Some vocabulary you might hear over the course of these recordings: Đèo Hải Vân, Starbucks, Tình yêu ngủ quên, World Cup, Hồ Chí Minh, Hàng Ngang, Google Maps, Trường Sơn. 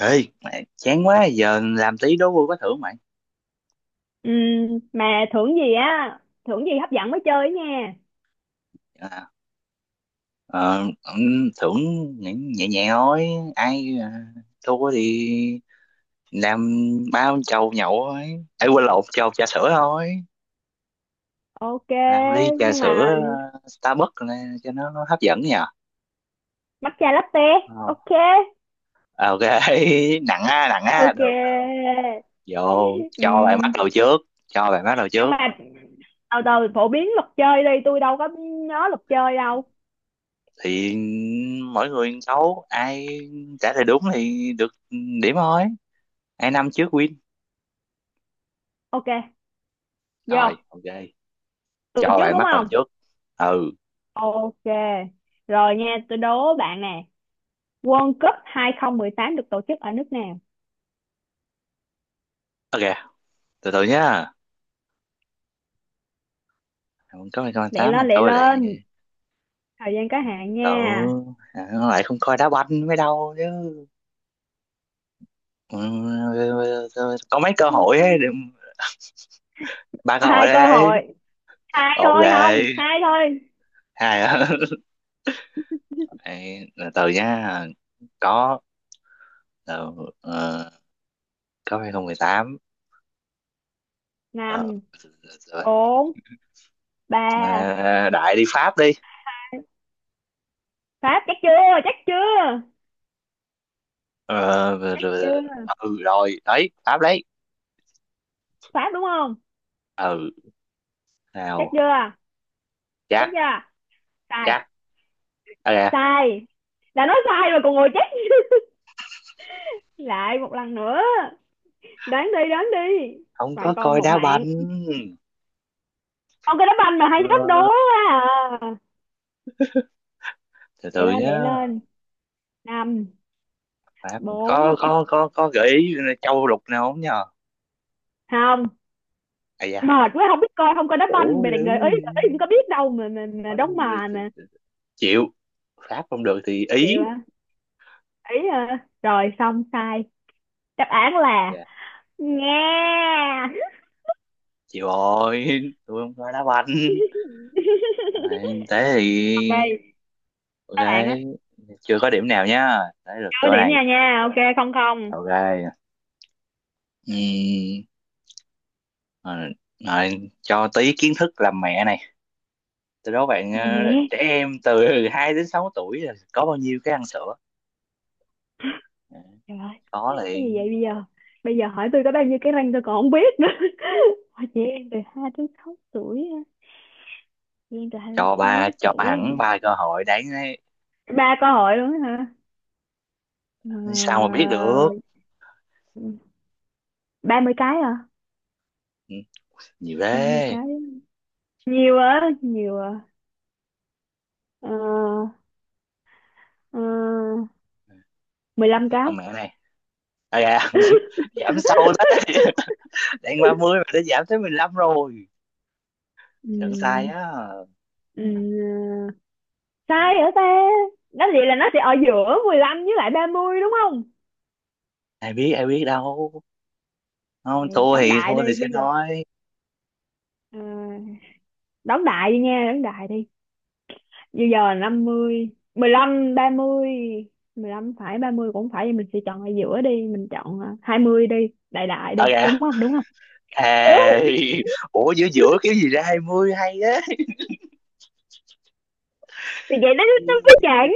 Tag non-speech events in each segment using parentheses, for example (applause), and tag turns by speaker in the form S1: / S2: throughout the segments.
S1: Ê, mẹ, chán quá giờ làm tí đố vui có thưởng mày.
S2: Mà thưởng gì á? Thưởng gì hấp dẫn mới chơi nha.
S1: à, ờ, Thưởng nhẹ nhẹ nhẹ thôi. ai à, Thua thì làm bao chầu nhậu thôi, ai quên lộn chầu trà sữa thôi.
S2: Ok,
S1: Làm ly trà
S2: nhưng mà
S1: sữa Starbucks này, cho nó hấp dẫn nhờ.
S2: matcha latte.
S1: Không.
S2: Ok,
S1: Ok. (laughs) Nặng á, nặng á,
S2: ok.
S1: được được. Vô, cho bạn bắt
S2: Ừm,
S1: đầu trước, cho bạn bắt đầu
S2: nhưng
S1: trước
S2: mà từ từ phổ biến luật chơi đi, tôi đâu có nhớ luật chơi đâu.
S1: thì mỗi người một câu, ai trả lời đúng thì được điểm thôi, ai năm trước win.
S2: Ok, vô.
S1: Rồi, ok.
S2: Tôi
S1: Cho
S2: trước
S1: bạn
S2: đúng
S1: bắt đầu
S2: không?
S1: trước. Ừ,
S2: Ok, rồi nha, tôi đố bạn nè. World Cup 2018 được tổ chức ở nước nào?
S1: ok. Từ từ nhá. Không có mày con
S2: Lẹ
S1: tám mà
S2: lên, lẹ
S1: tôi lại
S2: lên, thời gian có
S1: từ
S2: hạn
S1: từ.
S2: nha.
S1: À, nó lại không coi đá banh mới đâu chứ. Ừ, ừ, có mấy cơ hội ấy, đừng- ba cơ
S2: Có
S1: hội
S2: hai cơ
S1: đấy.
S2: hội, hai
S1: Ok,
S2: thôi, không, hai thôi.
S1: hai á. (laughs) Ê, từ từ nhá. Có ờ, ờ, có 2018. Ờ,
S2: Năm,
S1: rồi.
S2: bốn, ba.
S1: À, đại đi Pháp đi.
S2: Pháp. Chắc chưa, chắc chưa,
S1: Ờ, rồi,
S2: chắc chưa.
S1: rồi, ừ, rồi, đấy, Pháp đấy.
S2: Pháp đúng không?
S1: Ừ,
S2: Chắc
S1: nào.
S2: chưa, chắc
S1: Chắc.
S2: chưa. Sai.
S1: Chắc. À dạ,
S2: Sai. Đã nói sai rồi còn ngồi chắc. Lại một lần nữa, đoán đi, đoán đi.
S1: không
S2: Bạn
S1: có
S2: còn
S1: coi
S2: một
S1: đá
S2: mạng.
S1: banh.
S2: Con cái đá banh mà
S1: Ờ,
S2: hay thách đố quá. À,
S1: từ
S2: lẹ
S1: từ
S2: lên lẹ
S1: nhá.
S2: lên. Năm,
S1: Phải-
S2: bốn,
S1: có gợi ý châu lục nào không nhờ.
S2: không.
S1: À dạ,
S2: Mệt quá, không biết coi không coi đá banh,
S1: khổ
S2: mày định
S1: dữ.
S2: gợi ý, gợi ý cũng có biết đâu mà
S1: Có năm
S2: đóng
S1: rồi,
S2: mà mà
S1: chịu. Pháp không được thì
S2: Chịu
S1: ý.
S2: à? Ý à? Rồi xong sai. Đáp án là,
S1: Dạ,
S2: nghe
S1: chịu rồi. (laughs) Tôi không coi đá banh. À, thế thì
S2: đây
S1: ok.
S2: các bạn á.
S1: Chưa có điểm nào nhá, thế lượt
S2: Chưa
S1: tôi
S2: điểm
S1: này.
S2: nha nha, ok, không không.
S1: Ok. Ừm, Rồi, rồi, cho tí kiến thức làm mẹ này. Từ đó bạn
S2: Là mẹ.
S1: trẻ em từ (laughs) 2 đến 6 tuổi là có bao nhiêu cái ăn sữa? Ừ,
S2: Trời ơi,
S1: có
S2: cái gì
S1: liền.
S2: vậy bây giờ? Bây giờ hỏi tôi có bao nhiêu cái răng tôi còn không biết nữa. (laughs) Hỏi chị em từ hai tới sáu tuổi á. Chị em từ hai đến
S1: Cho
S2: sáu
S1: ba, cho
S2: tuổi.
S1: hẳn ba cơ hội đáng đấy.
S2: Ba câu hỏi luôn á hả?
S1: Sao mà biết được.
S2: Ba mươi cái à?
S1: Ừ, nhiều
S2: Ba mươi
S1: thế.
S2: cái nhiều á, nhiều à. Ờ, ờ, mười lăm
S1: Tức là
S2: cái.
S1: mẹ này. À, dạ. (laughs) Giảm sâu đấy.
S2: (laughs)
S1: (laughs) Đang 30 mà đã giảm tới 15 rồi, sẵn sai
S2: Ừm,
S1: á.
S2: ừm,
S1: Ừ,
S2: sai hả ta? Nói vậy là nó sẽ ở giữa 15 với lại 30 đúng không?
S1: ai biết, ai biết đâu,
S2: Thì
S1: không thua
S2: đón
S1: thì,
S2: đại
S1: thua thì
S2: đi
S1: sẽ
S2: bây giờ.
S1: nói.
S2: Ờ, đón đại đi nha, đón đại đi. Bây giờ năm mươi, mười lăm, ba mươi. Mười lăm phải, 30 cũng phải, thì mình sẽ chọn ở giữa đi, mình chọn 20 đi. Đại đại đi,
S1: À dạ,
S2: đúng không đúng không?
S1: à,
S2: (laughs)
S1: (laughs) ủa giữa giữa cái gì ra 20 hay á?
S2: Thì vậy nó mới chẳng.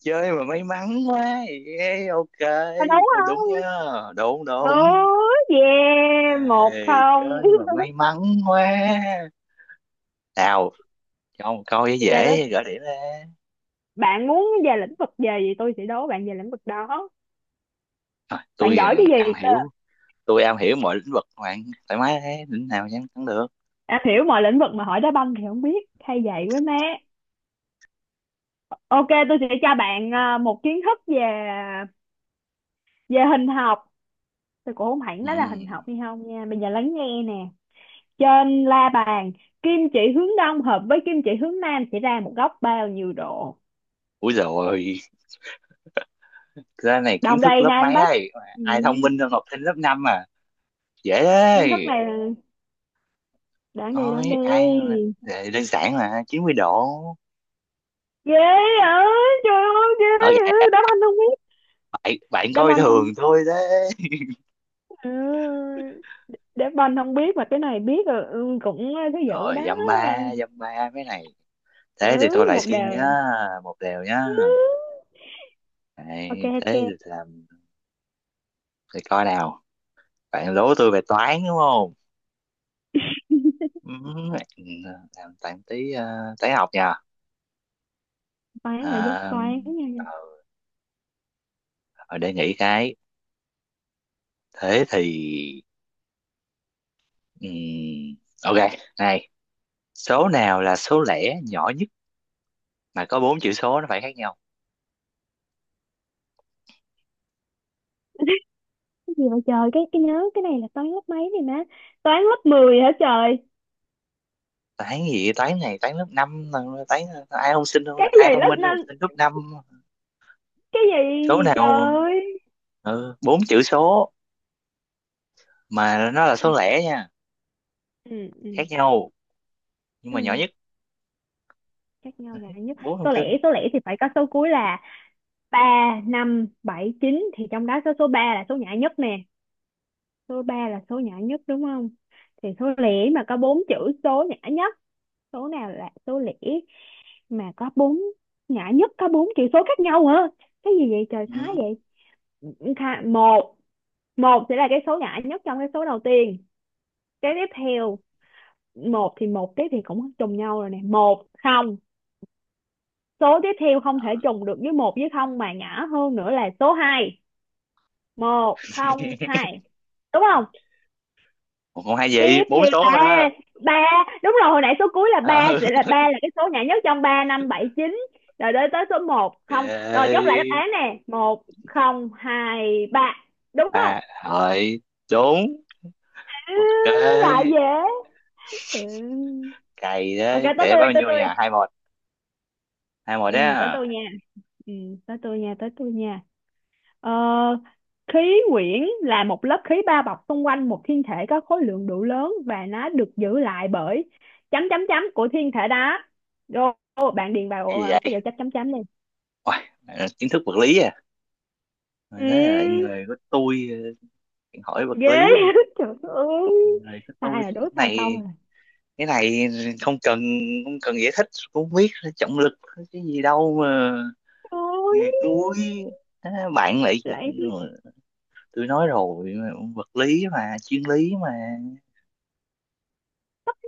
S1: Chơi mà may mắn quá. Yeah, ok,
S2: Mà đúng
S1: thôi đúng nhá,
S2: không?
S1: đúng
S2: Ừ,
S1: đúng.
S2: yeah, một
S1: Ê,
S2: không.
S1: chơi
S2: (laughs)
S1: mà may mắn quá. Nào, cho một câu dễ
S2: Ok đó,
S1: dễ gỡ điểm ra.
S2: bạn muốn về lĩnh vực gì thì tôi sẽ đố bạn về lĩnh vực đó.
S1: Rồi,
S2: Bạn
S1: tôi
S2: giỏi cái gì
S1: am
S2: cơ?
S1: hiểu, tôi am hiểu mọi lĩnh vực, bạn thoải mái, thế lĩnh nào chẳng thắng được.
S2: Đã hiểu mọi lĩnh vực mà hỏi đá banh thì không biết, hay vậy quá má. Ok, tôi sẽ cho bạn một kiến thức về về hình học. Tôi cũng không hẳn
S1: Ừ.
S2: nói là hình học hay không nha. Bây giờ lắng nghe nè. Trên la bàn, kim chỉ hướng đông hợp với kim chỉ hướng nam sẽ ra một góc bao nhiêu độ?
S1: Ui rồi, cái này kiến
S2: Đông
S1: thức
S2: Tây
S1: lớp
S2: Nam
S1: mấy
S2: Bắc.
S1: đây?
S2: Ừ.
S1: Ai thông minh hơn học sinh lớp 5 à? Dễ
S2: Kiến thức
S1: đấy.
S2: này là, đoán đi, đoán
S1: Thôi ai
S2: đi.
S1: đơn giản mà, 90 độ.
S2: Ghê ơi, trời ơi, ghê
S1: Rồi,
S2: ơi. Đáp anh không biết.
S1: bạn bạn
S2: Đáp
S1: coi
S2: anh không,
S1: thường thôi đấy.
S2: ừ. Đáp anh không biết mà cái này biết rồi. Ừ, cũng thứ dữ
S1: Rồi,
S2: đó.
S1: dăm ba, dăm ba mấy này,
S2: Ừ,
S1: thế thì tôi lại
S2: một
S1: xin nhá.
S2: đều.
S1: Một đều nhá.
S2: Ừ. Ok
S1: Đấy,
S2: ok.
S1: thế thì làm, thì coi nào. Bạn đố tôi về toán đúng không? Ừ, làm toán tí, toán học nha.
S2: Toán là dốt
S1: À,
S2: toán nha.
S1: ờ, rồi để nghĩ cái, thế thì ừm, ok này, số nào là số lẻ nhỏ nhất mà có bốn chữ số nó phải khác nhau?
S2: Cái gì vậy trời, cái nhớ cái này là toán lớp mấy này má? Toán lớp 10 hả trời?
S1: Toán gì vậy? Toán này toán lớp năm. Toán ai không sinh,
S2: Cái
S1: ai
S2: gì
S1: thông
S2: lớp
S1: minh không
S2: năm?
S1: sinh lớp năm.
S2: Cái
S1: Số
S2: gì trời
S1: nào,
S2: ơi.
S1: ừ, bốn chữ số mà nó là
S2: Ừ,
S1: số lẻ nha,
S2: ừ, ừ,
S1: khác nhau nhưng mà nhỏ
S2: ừ.
S1: nhất. (laughs)
S2: Chắc nhau
S1: Đấy,
S2: ngại nhất.
S1: bốn thông
S2: Số lẻ,
S1: tin.
S2: số lẻ thì phải có số cuối là ba, năm, bảy, chín, thì trong đó có số ba là số nhã nhất nè. Số ba là số nhã nhất đúng không? Thì số lẻ mà có bốn chữ số nhã nhất. Số nào là số lẻ mà có bốn nhã nhất có bốn chữ số khác nhau hả? Cái gì vậy trời, thái
S1: Ừ.
S2: vậy? Tha- một, một sẽ là cái số nhỏ nhất trong cái số đầu tiên. Cái tiếp theo, một thì một tiếp thì cũng trùng nhau rồi nè, một không. Số tiếp theo không thể
S1: Ừ.
S2: trùng được với một với không mà nhỏ hơn nữa là số hai. Một không hai, đúng không?
S1: Một con hai gì,
S2: Tiếp
S1: bốn
S2: theo
S1: số
S2: ba.
S1: mà.
S2: Ba, đúng rồi, hồi nãy số cuối là ba
S1: (laughs) Ừ.
S2: sẽ là ba, là cái số nhỏ nhất trong ba, năm, bảy, chín. Rồi đến tới số một không, rồi
S1: Ok,
S2: chốt lại đáp án nè, một không hai ba, đúng không?
S1: ba, rồi đúng
S2: Ừ,
S1: ok.
S2: lại dễ. Ừ.
S1: Cày
S2: Ok,
S1: đấy
S2: tới
S1: để
S2: tôi,
S1: bao
S2: tới
S1: nhiêu
S2: tôi.
S1: nhà, hai một, hai một
S2: Ừ, tới
S1: đó.
S2: tôi nha. Ừ, tới tôi nha, tới tôi nha. Ờ, khí quyển là một lớp khí bao bọc xung quanh một thiên thể có khối lượng đủ lớn và nó được giữ lại bởi chấm chấm chấm của thiên thể đó. Rồi, ô, bạn điền vào
S1: Cái gì
S2: cái
S1: vậy?
S2: dấu chấm chấm chấm đi.
S1: Uầy, bạn là kiến thức vật lý à? Mình thấy là
S2: Ừ,
S1: người của tôi, hỏi
S2: ghê.
S1: vật lý,
S2: (laughs) Trời ơi.
S1: người của tôi
S2: Sai rồi, đố
S1: cái
S2: sai câu
S1: này,
S2: rồi.
S1: cái này không cần, không cần giải thích cũng không biết, trọng lực cái gì đâu mà,
S2: Ôi,
S1: nghề tôi. Á, bạn lại,
S2: lại.
S1: tôi nói rồi, vật lý mà, chuyên lý mà.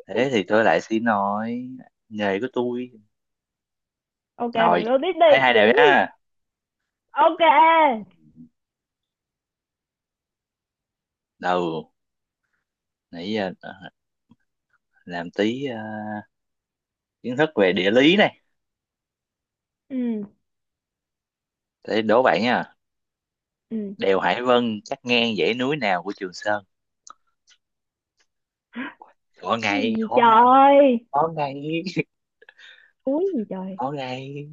S1: Thế thì tôi lại xin, nói nghề của tôi.
S2: Ok
S1: Rồi,
S2: bạn đố tiếp
S1: hai
S2: đi.
S1: hai đều
S2: Ừ,
S1: nha.
S2: ok.
S1: Đầu nãy giờ, làm tí kiến thức về địa lý này,
S2: Ừ,
S1: để đố bạn nha.
S2: ừ.
S1: Đèo Hải Vân cắt ngang dãy núi nào của Trường Sơn? Khó
S2: Cái
S1: ngay,
S2: gì
S1: khó ngay,
S2: trời?
S1: khó ngay,
S2: Thúi gì trời?
S1: khó ngay.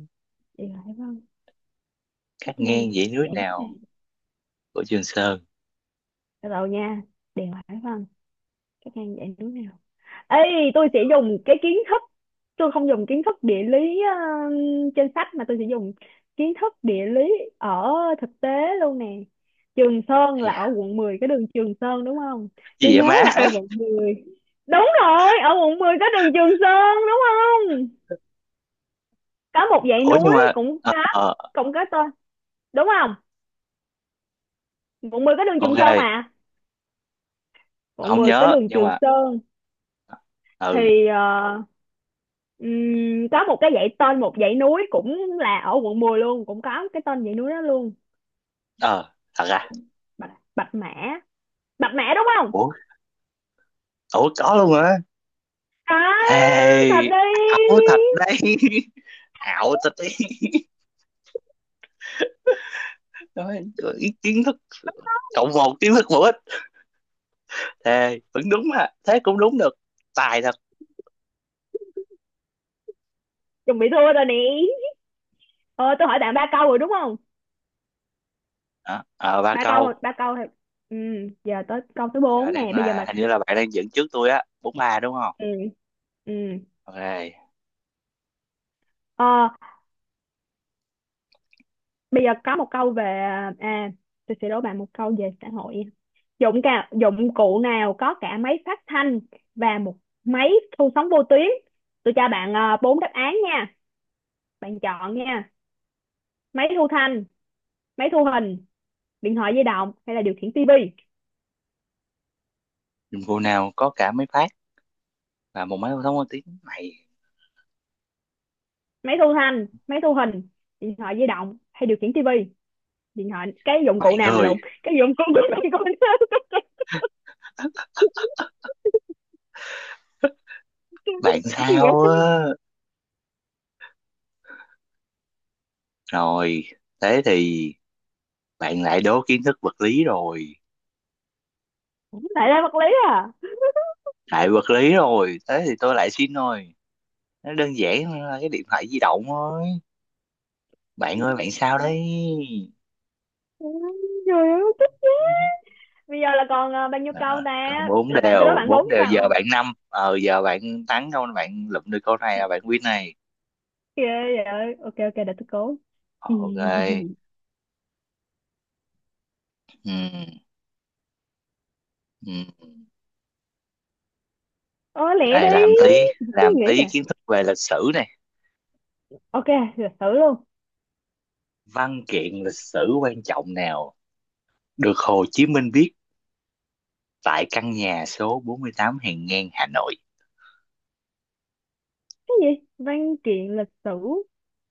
S2: Điều hải vân
S1: Cắt
S2: cắt ngang
S1: ngang dãy núi
S2: dãy núi
S1: nào
S2: này.
S1: của Trường Sơn?
S2: Từ đầu nha. Điều hải vân cắt ngang dãy núi nào? Ê, tôi sẽ dùng cái kiến thức, tôi không dùng kiến thức địa lý trên sách mà tôi sẽ dùng kiến thức địa lý ở thực tế luôn nè. Trường Sơn
S1: Ây
S2: là
S1: da,
S2: ở quận 10 cái đường Trường Sơn đúng không?
S1: cái
S2: Tôi
S1: gì vậy
S2: nhớ
S1: má?
S2: là ở
S1: (laughs)
S2: quận mười, đúng rồi, ở quận 10 có đường Trường Sơn đúng không? Có một dãy
S1: Ủa nhưng
S2: núi
S1: mà,
S2: cũng có,
S1: ờ,
S2: cũng có tên, đúng không? Quận 10 có đường Trường Sơn
S1: ok,
S2: mà. Quận
S1: không
S2: 10 có
S1: nhớ
S2: đường
S1: nhưng
S2: Trường
S1: mà,
S2: Sơn
S1: ừ,
S2: thì có một cái dãy tên, một dãy núi cũng là ở quận 10 luôn, cũng có cái tên dãy núi đó luôn.
S1: ờ thật à?
S2: Bạch, Bạch Mã. Bạch Mã đúng không?
S1: Ủa, ủa có luôn hả?
S2: À, thật
S1: Thề, ảo
S2: đi.
S1: thật đấy. (laughs) Ảo thật đấy. (laughs) Nói ý kiến thức, cộng một kiến thức bổ ích, thề vẫn đúng mà, thế cũng đúng được, tài thật.
S2: Chuẩn bị thua rồi nè. Ờ, tôi hỏi bạn ba câu rồi đúng không?
S1: Đó, ờ ba
S2: Ba câu thôi,
S1: câu.
S2: ba câu thôi. Ừ, giờ tới câu thứ
S1: Bây giờ
S2: bốn
S1: đang
S2: nè bây giờ
S1: là
S2: mà.
S1: hình như là bạn đang dẫn trước tôi á, bốn ba đúng không?
S2: Ừ, ừ.
S1: Ok.
S2: Ờ, bây giờ có một câu về, à, tôi sẽ đố bạn một câu về xã hội. Dụng cả dụng cụ nào có cả máy phát thanh và một máy thu sóng vô tuyến? Tôi cho bạn bốn đáp án nha, bạn chọn nha. Máy thu thanh, máy thu hình, điện thoại di động hay là điều khiển tivi?
S1: Dùng cô nào có cả mấy phát và một máy thông tin mày,
S2: Máy thu thanh, máy thu hình, điện thoại di động hay điều khiển tivi? Điện thoại, cái dụng
S1: mày
S2: cụ nào mà
S1: người,
S2: lộn. Cái dụng cụ nào (laughs) mà con cái dụng cụ nào mà
S1: bạn
S2: lộn, cái gì
S1: sao
S2: vậy?
S1: á? Rồi, thế thì bạn lại đố kiến thức vật lý rồi,
S2: Tại là vật lý à?
S1: lại vật lý rồi, thế thì tôi lại xin rồi, nó đơn giản hơn là cái điện thoại di động thôi. Bạn ơi bạn sao đấy?
S2: Trời ơi.
S1: (laughs)
S2: Bây giờ là còn bao nhiêu
S1: à,
S2: câu
S1: còn
S2: ta?
S1: bốn
S2: Là bạn tới
S1: đều,
S2: đó bạn bốn
S1: bốn đều, giờ bạn
S2: câu.
S1: năm, ờ giờ bạn thắng không, bạn lụm được câu này là bạn win này.
S2: Ghê vậy. Ok ok để tôi cố.
S1: Ok.
S2: (laughs)
S1: Ừ. Ừ.
S2: Ờ lẹ đi.
S1: Này làm tí,
S2: Suy
S1: làm
S2: nghĩ
S1: tí
S2: à.
S1: kiến thức về lịch sử này.
S2: Ok, lịch sử luôn.
S1: Văn kiện lịch sử quan trọng nào được Hồ Chí Minh viết tại căn nhà số 48 Hàng Ngang, Hà Nội?
S2: Cái gì? Văn kiện lịch sử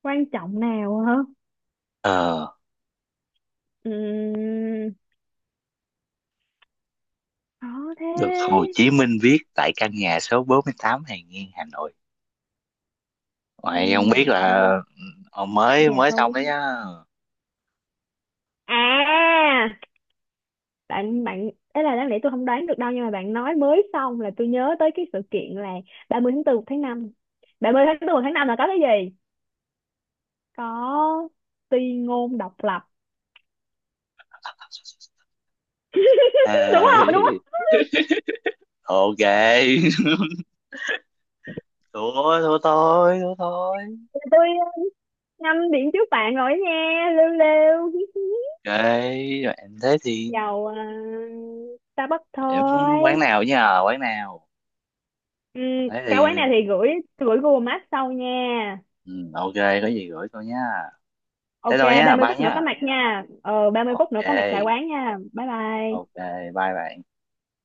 S2: quan trọng nào hả?
S1: Ờ,
S2: Ừm, khó thế.
S1: được Hồ Chí Minh viết tại căn nhà số 48 Hàng Nghiên, Hà Nội. Mày
S2: Căn
S1: không
S2: nhà
S1: biết
S2: số
S1: là
S2: 4,
S1: ờ,
S2: căn
S1: mới
S2: nhà
S1: mới
S2: số
S1: xong đấy
S2: 4.
S1: nhá.
S2: À, bạn bạn ấy là đáng lẽ tôi không đoán được đâu, nhưng mà bạn nói mới xong là tôi nhớ tới cái sự kiện là 30 tháng 4 một tháng năm. Ba mươi tháng 4 một tháng 5 là có cái gì? Có ti ngôn độc lập. (laughs) Đúng không,
S1: Ê,
S2: đúng không?
S1: ok. (laughs) Thua, thua thôi, thua thôi.
S2: Tôi, uh, ngâm điện trước bạn rồi đó nha, lêu lêu. (laughs)
S1: Ok, rồi em thế thì,
S2: Dầu Starbucks
S1: em muốn
S2: thôi.
S1: quán nào nhá, quán nào.
S2: Ừ,
S1: Thế
S2: cái quán này
S1: thì
S2: thì gửi gửi Google Maps sau nha.
S1: ừ, ok, có gì gửi tôi nhá. Thế
S2: Ok.
S1: thôi nhá,
S2: 30
S1: bye
S2: phút nữa có
S1: nhá.
S2: mặt nha, ờ 30 phút
S1: Ok,
S2: nữa có mặt tại quán nha, bye
S1: ok,
S2: bye.
S1: bye bye.